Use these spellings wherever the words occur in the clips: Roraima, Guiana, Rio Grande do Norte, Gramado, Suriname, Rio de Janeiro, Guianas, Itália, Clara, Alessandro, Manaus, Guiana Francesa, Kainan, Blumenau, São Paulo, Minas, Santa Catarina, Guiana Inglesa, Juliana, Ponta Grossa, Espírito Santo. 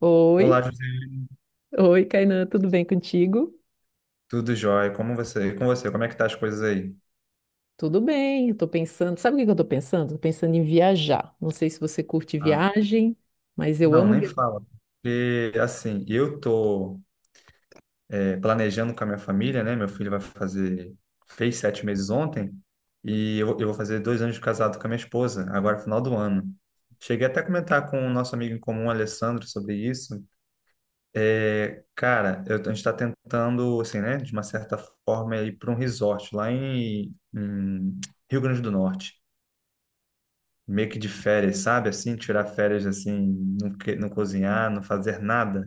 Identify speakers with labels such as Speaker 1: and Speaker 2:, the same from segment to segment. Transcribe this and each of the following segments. Speaker 1: Oi.
Speaker 2: Olá, José.
Speaker 1: Oi, Kainan, tudo bem contigo?
Speaker 2: Tudo jóia? Como você? E com você? Como é que tá as coisas aí?
Speaker 1: Tudo bem, eu tô pensando, sabe o que que eu tô pensando? Tô pensando em viajar. Não sei se você curte
Speaker 2: Ah,
Speaker 1: viagem, mas eu
Speaker 2: não,
Speaker 1: amo
Speaker 2: nem
Speaker 1: viajar.
Speaker 2: fala. Porque, assim, eu tô planejando com a minha família, né? Meu filho vai fazer. Fez 7 meses ontem. E eu vou fazer 2 anos de casado com a minha esposa, agora final do ano. Cheguei até a comentar com o nosso amigo em comum, Alessandro, sobre isso. É, cara, a gente está tentando, assim, né? De uma certa forma, ir para um resort lá em Rio Grande do Norte. Meio que de férias, sabe? Assim, tirar férias assim, não, não cozinhar, não fazer nada.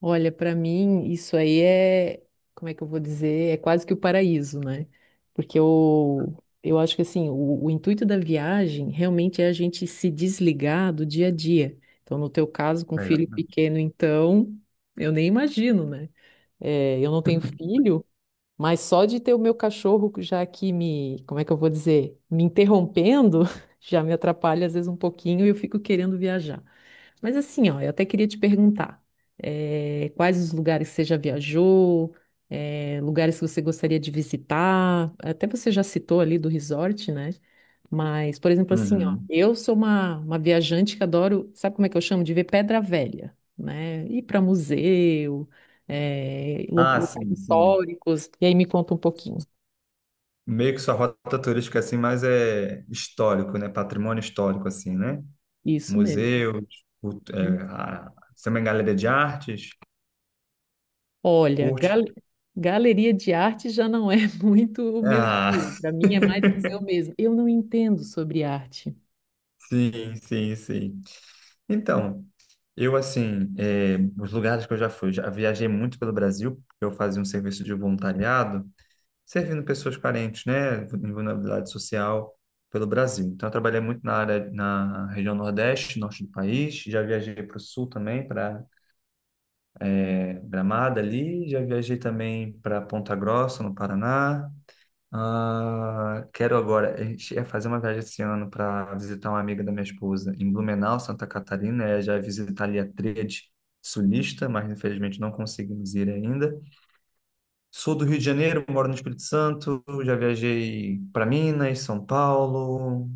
Speaker 1: Olha, para mim isso aí é, como é que eu vou dizer? É quase que o paraíso, né? Porque eu acho que assim, o intuito da viagem realmente é a gente se desligar do dia a dia. Então, no teu caso, com filho
Speaker 2: Exatamente.
Speaker 1: pequeno, então, eu nem imagino, né? É, eu não tenho filho, mas só de ter o meu cachorro já aqui me, como é que eu vou dizer, me interrompendo, já me atrapalha às vezes um pouquinho e eu fico querendo viajar. Mas assim, ó, eu até queria te perguntar, quais os lugares que você já viajou, lugares que você gostaria de visitar, até você já citou ali do resort, né? Mas, por exemplo, assim, ó,
Speaker 2: Uhum.
Speaker 1: eu sou uma viajante que adoro, sabe como é que eu chamo? De ver pedra velha, né? Ir para museu,
Speaker 2: Ah,
Speaker 1: locais
Speaker 2: sim, sim.
Speaker 1: históricos, e aí me conta um pouquinho.
Speaker 2: Meio que sua rota turística assim, mas é histórico, né? Patrimônio histórico assim, né?
Speaker 1: Isso mesmo.
Speaker 2: Museus, você é uma galeria de artes,
Speaker 1: Olha,
Speaker 2: curte.
Speaker 1: galeria de arte já não é muito o meu estilo.
Speaker 2: Ah.
Speaker 1: Para mim é mais museu mesmo. Eu não entendo sobre arte.
Speaker 2: Sim, sim, sim. Então, eu assim, os lugares que eu já fui, já viajei muito pelo Brasil, porque eu fazia um serviço de voluntariado servindo pessoas carentes, né, em vulnerabilidade social pelo Brasil. Então, eu trabalhei muito na área, na região Nordeste, Norte do país, já viajei para o Sul também, para Gramado ali, já viajei também para Ponta Grossa, no Paraná. Ah, quero agora, a gente ia fazer uma viagem esse ano para visitar uma amiga da minha esposa em Blumenau, Santa Catarina, é, já visitar ali a tríade sulista, mas infelizmente não conseguimos ir ainda. Sou do Rio de Janeiro, moro no Espírito Santo, já viajei para Minas, São Paulo.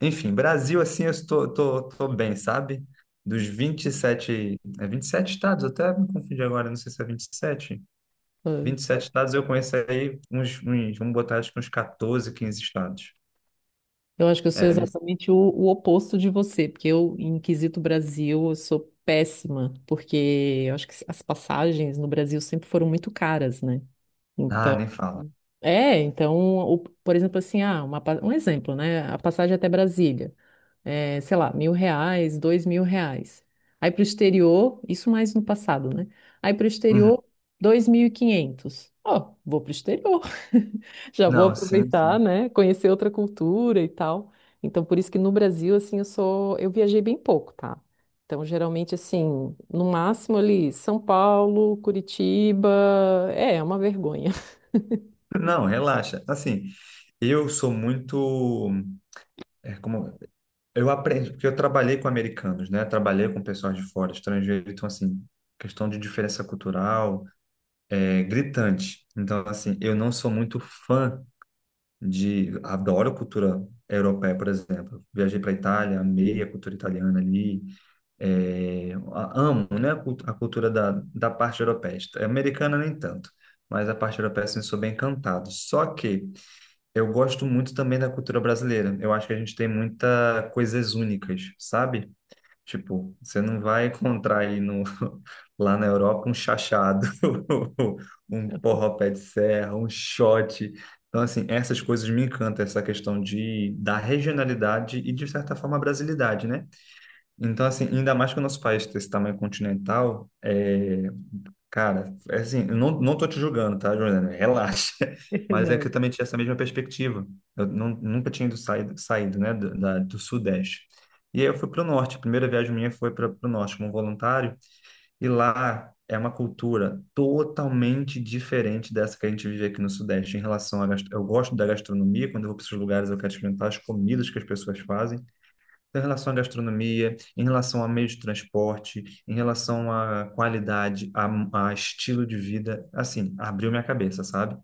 Speaker 2: Enfim, Brasil, assim, eu tô bem, sabe? Dos 27, é 27 estados, eu até me confundi agora, não sei se é vinte e sete,
Speaker 1: Ah,
Speaker 2: 27
Speaker 1: só-
Speaker 2: estados eu conheço aí uns vamos botar acho que uns 14, 15 estados.
Speaker 1: Eu acho que eu
Speaker 2: É,
Speaker 1: sou
Speaker 2: 20
Speaker 1: exatamente o oposto de você, porque eu, em quesito Brasil, eu sou péssima, porque eu acho que as passagens no Brasil sempre foram muito caras, né?
Speaker 2: ah,
Speaker 1: Então,
Speaker 2: nem fala.
Speaker 1: então, por exemplo, assim, ah, um exemplo, né? A passagem até Brasília. É, sei lá, R$ 1.000, R$ 2.000. Aí para o exterior, isso mais no passado, né? Aí para o
Speaker 2: Uhum.
Speaker 1: exterior, 2.500. Ó, vou para o exterior. Já vou
Speaker 2: Não, sim,
Speaker 1: aproveitar,
Speaker 2: sim.
Speaker 1: né? Conhecer outra cultura e tal. Então, por isso que no Brasil, assim, eu sou, eu viajei bem pouco, tá? Então, geralmente, assim, no máximo ali, São Paulo, Curitiba, é uma vergonha.
Speaker 2: Não, relaxa. Assim, eu sou muito, é, como, eu aprendi, porque eu trabalhei com americanos, né? Trabalhei com pessoas de fora, estrangeiros. Então, assim, questão de diferença cultural é gritante. Então, assim, eu não sou muito fã de. Adoro cultura europeia, por exemplo. Viajei para a Itália, amei a cultura italiana ali, amo, né? A cultura da parte europeia. Americana, nem tanto. Mas a parte europeia, assim, sou bem encantado. Só que eu gosto muito também da cultura brasileira. Eu acho que a gente tem muitas coisas únicas, sabe? Tipo, você não vai encontrar aí no, lá na Europa um chachado, um porró-pé de serra, um shot. Então, assim, essas coisas me encantam, essa questão da regionalidade e, de certa forma, a brasilidade, né? Então, assim, ainda mais que o nosso país tem esse tamanho continental. Cara, é assim, eu não tô te julgando, tá, Juliana? Relaxa. Mas é que
Speaker 1: Não.
Speaker 2: eu também tinha essa mesma perspectiva. Eu não, nunca tinha saído, né, do Sudeste. E aí eu fui para o Norte. A primeira viagem minha foi para o Norte como voluntário. E lá é uma cultura totalmente diferente dessa que a gente vive aqui no Sudeste em relação à gastro. Eu gosto da gastronomia. Quando eu vou para esses lugares, eu quero experimentar as comidas que as pessoas fazem. Então, em relação à gastronomia, em relação a meio de transporte, em relação à qualidade, a estilo de vida, assim, abriu minha cabeça, sabe?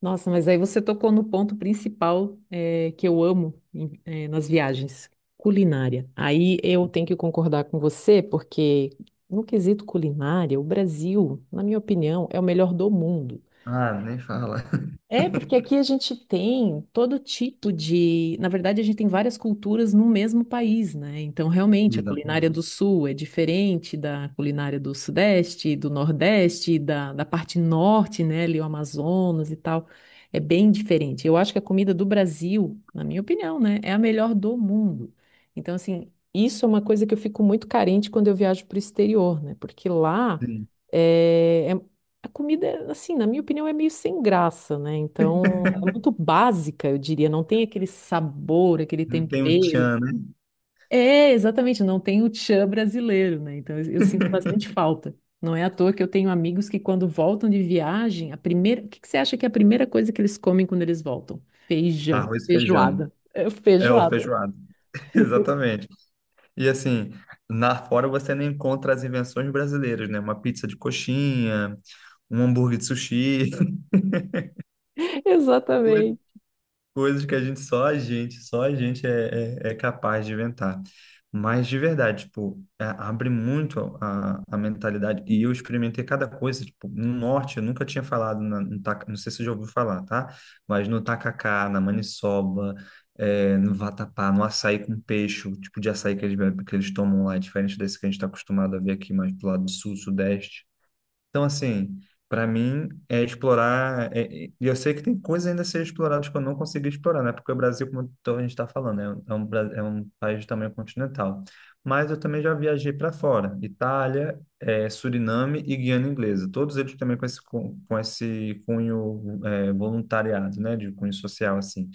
Speaker 1: Nossa, mas aí você tocou no ponto principal, que eu amo, nas viagens, culinária. Aí eu tenho que concordar com você, porque no quesito culinária, o Brasil, na minha opinião, é o melhor do mundo.
Speaker 2: Ah, nem fala.
Speaker 1: É, porque aqui a gente tem todo tipo de. Na verdade, a gente tem várias culturas no mesmo país, né? Então, realmente, a
Speaker 2: Exato.
Speaker 1: culinária do Sul é diferente da culinária do Sudeste, do Nordeste, da parte Norte, né? Ali, o Amazonas e tal. É bem diferente. Eu acho que a comida do Brasil, na minha opinião, né? É a melhor do mundo. Então, assim, isso é uma coisa que eu fico muito carente quando eu viajo para o exterior, né? Porque lá.
Speaker 2: Sim.
Speaker 1: eh, É, a comida, é, assim, na minha opinião, é meio sem graça, né? Então, é muito básica, eu diria. Não tem aquele sabor, aquele
Speaker 2: Não tem um
Speaker 1: tempero.
Speaker 2: tchan, né?
Speaker 1: É, exatamente, não tem o tchan brasileiro, né? Então, eu sinto bastante falta. Não é à toa que eu tenho amigos que, quando voltam de viagem, a primeira... O que que você acha que é a primeira coisa que eles comem quando eles voltam? Feijão,
Speaker 2: Arroz e feijão.
Speaker 1: feijoada. É,
Speaker 2: É o
Speaker 1: feijoada.
Speaker 2: feijoado. Exatamente. E assim, na fora você nem encontra as invenções brasileiras, né? Uma pizza de coxinha, um hambúrguer de sushi.
Speaker 1: Exatamente.
Speaker 2: Coisas que a gente só a gente, só a gente é, é, é capaz de inventar. Mas de verdade, tipo, abre muito a mentalidade. E eu experimentei cada coisa, tipo, no norte eu nunca tinha falado, na, no taca- não sei se você já ouviu falar, tá? Mas no tacacá, na maniçoba, no vatapá, no açaí com peixe, o tipo de açaí que que eles tomam lá, é diferente desse que a gente está acostumado a ver aqui mais do lado do sul, sudeste. Então, assim, para mim é explorar. E eu sei que tem coisas ainda a ser exploradas que eu não consegui explorar, né? Porque o Brasil, como então a gente está falando, é um país de tamanho continental. Mas eu também já viajei para fora: Itália, Suriname e Guiana Inglesa. Todos eles também com com esse cunho, voluntariado, né? De cunho social, assim.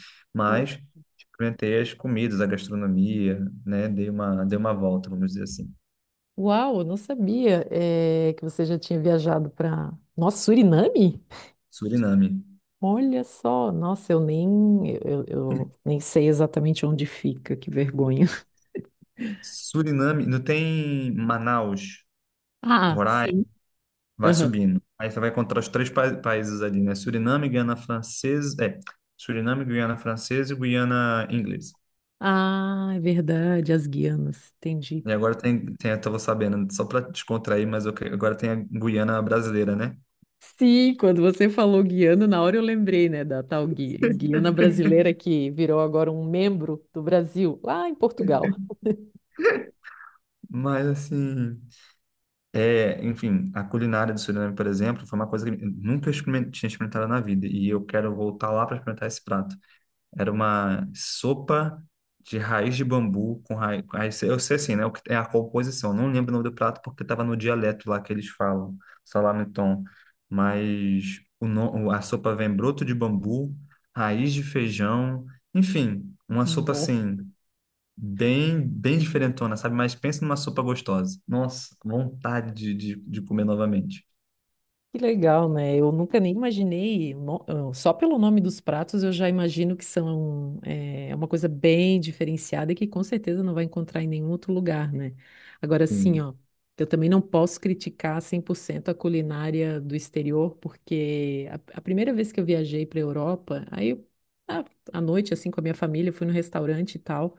Speaker 1: Uau,
Speaker 2: Mas experimentei as comidas, a gastronomia, né? Dei uma volta, vamos dizer assim.
Speaker 1: Uau, eu não sabia, é, que você já tinha viajado para... Nossa, Suriname?
Speaker 2: Suriname.
Speaker 1: Olha só, nossa, eu nem sei exatamente onde fica, que vergonha.
Speaker 2: Suriname, não tem Manaus,
Speaker 1: Ah,
Speaker 2: Roraima,
Speaker 1: sim.
Speaker 2: vai
Speaker 1: Aham.
Speaker 2: subindo. Aí você vai encontrar os três países ali, né? Suriname, Guiana Francesa, é, Suriname, Guiana Francesa e Guiana Inglesa.
Speaker 1: Ah, é verdade, as Guianas, entendi.
Speaker 2: E agora eu tava sabendo, só para descontrair, mas agora tem a Guiana brasileira, né?
Speaker 1: Sim, quando você falou Guiana, na hora eu lembrei, né, da tal Guiana brasileira que virou agora um membro do Brasil, lá em Portugal.
Speaker 2: Mas assim, é, enfim, a culinária do Suriname, por exemplo, foi uma coisa que eu nunca tinha experimentado na vida e eu quero voltar lá para experimentar esse prato. Era uma sopa de raiz de bambu com raiz. Eu sei assim, né? O que é a composição. Não lembro o nome do prato porque estava no dialeto lá que eles falam, salame-tom. Mas o, no- a sopa vem broto de bambu, raiz de feijão, enfim, uma sopa assim, bem, bem diferentona, sabe? Mas pensa numa sopa gostosa. Nossa, vontade de comer novamente.
Speaker 1: Que legal, né? Eu nunca nem imaginei, só pelo nome dos pratos eu já imagino que são é, uma coisa bem diferenciada e que com certeza não vai encontrar em nenhum outro lugar, né? Agora sim,
Speaker 2: Sim,
Speaker 1: ó, eu também não posso criticar 100% a culinária do exterior, porque a primeira vez que eu viajei para a Europa, aí eu, à à noite, assim, com a minha família, eu fui no restaurante e tal,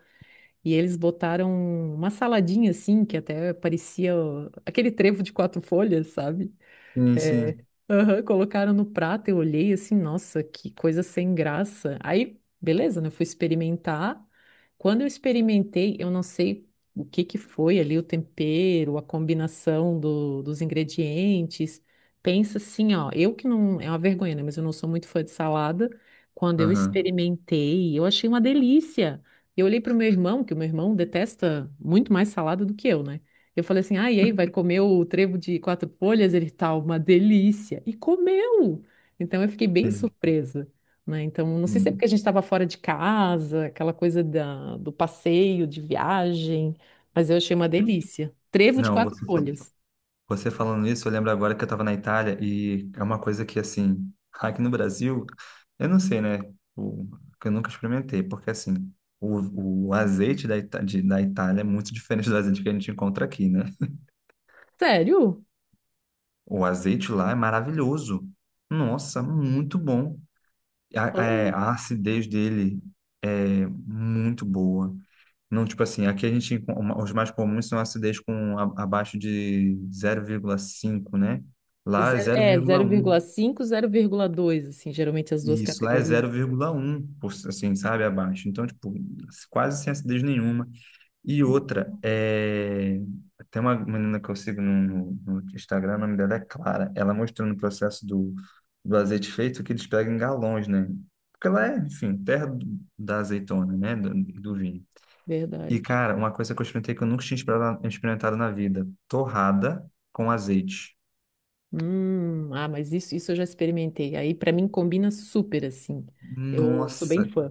Speaker 1: e eles botaram uma saladinha, assim, que até parecia ó, aquele trevo de quatro folhas, sabe?
Speaker 2: sim.
Speaker 1: É,
Speaker 2: Sim.
Speaker 1: aham, colocaram no prato, eu olhei assim, nossa, que coisa sem graça. Aí, beleza, né? Eu fui experimentar. Quando eu experimentei, eu não sei o que que foi ali, o tempero, a combinação dos ingredientes. Pensa assim, ó, eu que não, é uma vergonha, né? Mas eu não sou muito fã de salada. Quando eu
Speaker 2: Aham,
Speaker 1: experimentei, eu achei uma delícia. Eu olhei para o meu irmão, que o meu irmão detesta muito mais salada do que eu, né? Eu falei assim, ah, e aí, vai comer o trevo de quatro folhas? Ele tá uma delícia. E comeu! Então eu fiquei bem
Speaker 2: sim.
Speaker 1: surpresa, né? Então, não sei se é porque
Speaker 2: Hum.
Speaker 1: a gente estava fora de casa, aquela coisa da, do passeio, de viagem, mas eu achei uma delícia. Trevo de
Speaker 2: Não,
Speaker 1: quatro
Speaker 2: você.
Speaker 1: folhas.
Speaker 2: Você falando isso, eu lembro agora que eu estava na Itália e é uma coisa que, assim, aqui no Brasil, eu não sei, né? O, que eu nunca experimentei, porque, assim, o azeite da, da Itália é muito diferente do azeite que a gente encontra aqui, né?
Speaker 1: Sério?
Speaker 2: O azeite lá é maravilhoso. Nossa, muito bom. A, é,
Speaker 1: Oh.
Speaker 2: a acidez dele é muito boa. Não, tipo assim, aqui a gente, os mais comuns são acidez com abaixo de 0,5, né? Lá é
Speaker 1: É,
Speaker 2: 0,1.
Speaker 1: 0,5, 0,2, assim, geralmente as duas
Speaker 2: Isso lá é
Speaker 1: categorias.
Speaker 2: 0,1, assim, sabe, abaixo. Então, tipo, quase sem acidez nenhuma. E outra,
Speaker 1: Hum.
Speaker 2: é. Tem uma menina que eu sigo no Instagram, o nome dela é Clara. Ela mostrou no processo do azeite feito que eles pegam em galões, né? Porque ela é, enfim, terra da azeitona, né? Do vinho. E,
Speaker 1: Verdade.
Speaker 2: cara, uma coisa que eu experimentei que eu nunca tinha experimentado na vida: torrada com azeite.
Speaker 1: Ah, mas isso eu já experimentei. Aí, pra mim, combina super, assim. Eu sou bem
Speaker 2: Nossa,
Speaker 1: fã.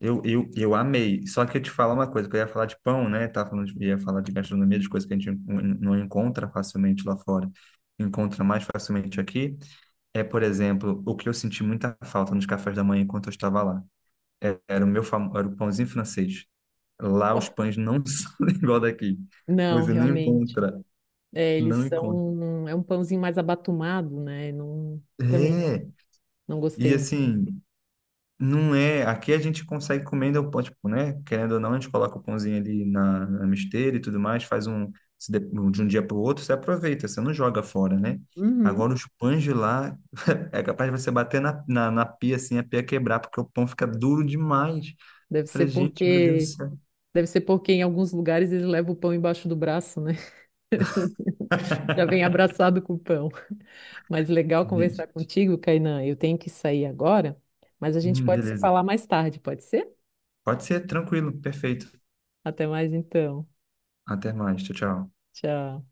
Speaker 2: Eu amei. Só que eu te falo uma coisa, que eu ia falar de pão, né? Tava falando ia falar de gastronomia, de coisas que a gente não encontra facilmente lá fora. Encontra mais facilmente aqui. É, por exemplo, o que eu senti muita falta nos cafés da manhã enquanto eu estava lá. Era o meu famo. Era o pãozinho francês. Lá
Speaker 1: Oh,
Speaker 2: os pães não são igual daqui.
Speaker 1: não,
Speaker 2: Você não
Speaker 1: realmente.
Speaker 2: encontra,
Speaker 1: É, eles
Speaker 2: não
Speaker 1: são.
Speaker 2: encontra.
Speaker 1: É um pãozinho mais abatumado, né? Não, também não,
Speaker 2: É.
Speaker 1: não
Speaker 2: E
Speaker 1: gostei muito.
Speaker 2: assim, não é. Aqui a gente consegue comendo o pão, tipo, né? Querendo ou não, a gente coloca o pãozinho ali na misteira e tudo mais, faz um se de, um, de um dia para o outro, você aproveita, você não joga fora, né?
Speaker 1: Uhum.
Speaker 2: Agora os pães de lá é capaz de você bater na pia assim, a pia quebrar, porque o pão fica duro demais.
Speaker 1: Deve
Speaker 2: Eu
Speaker 1: ser
Speaker 2: falei, gente, meu Deus do
Speaker 1: porque.
Speaker 2: céu.
Speaker 1: Deve ser porque em alguns lugares eles levam o pão embaixo do braço, né? Já vem abraçado com o pão. Mas legal conversar
Speaker 2: Gente,
Speaker 1: contigo, Kainan. Eu tenho que sair agora, mas a gente pode se
Speaker 2: beleza.
Speaker 1: falar mais tarde, pode ser?
Speaker 2: Pode ser, tranquilo, perfeito.
Speaker 1: Até mais então.
Speaker 2: Até mais, tchau, tchau.
Speaker 1: Tchau.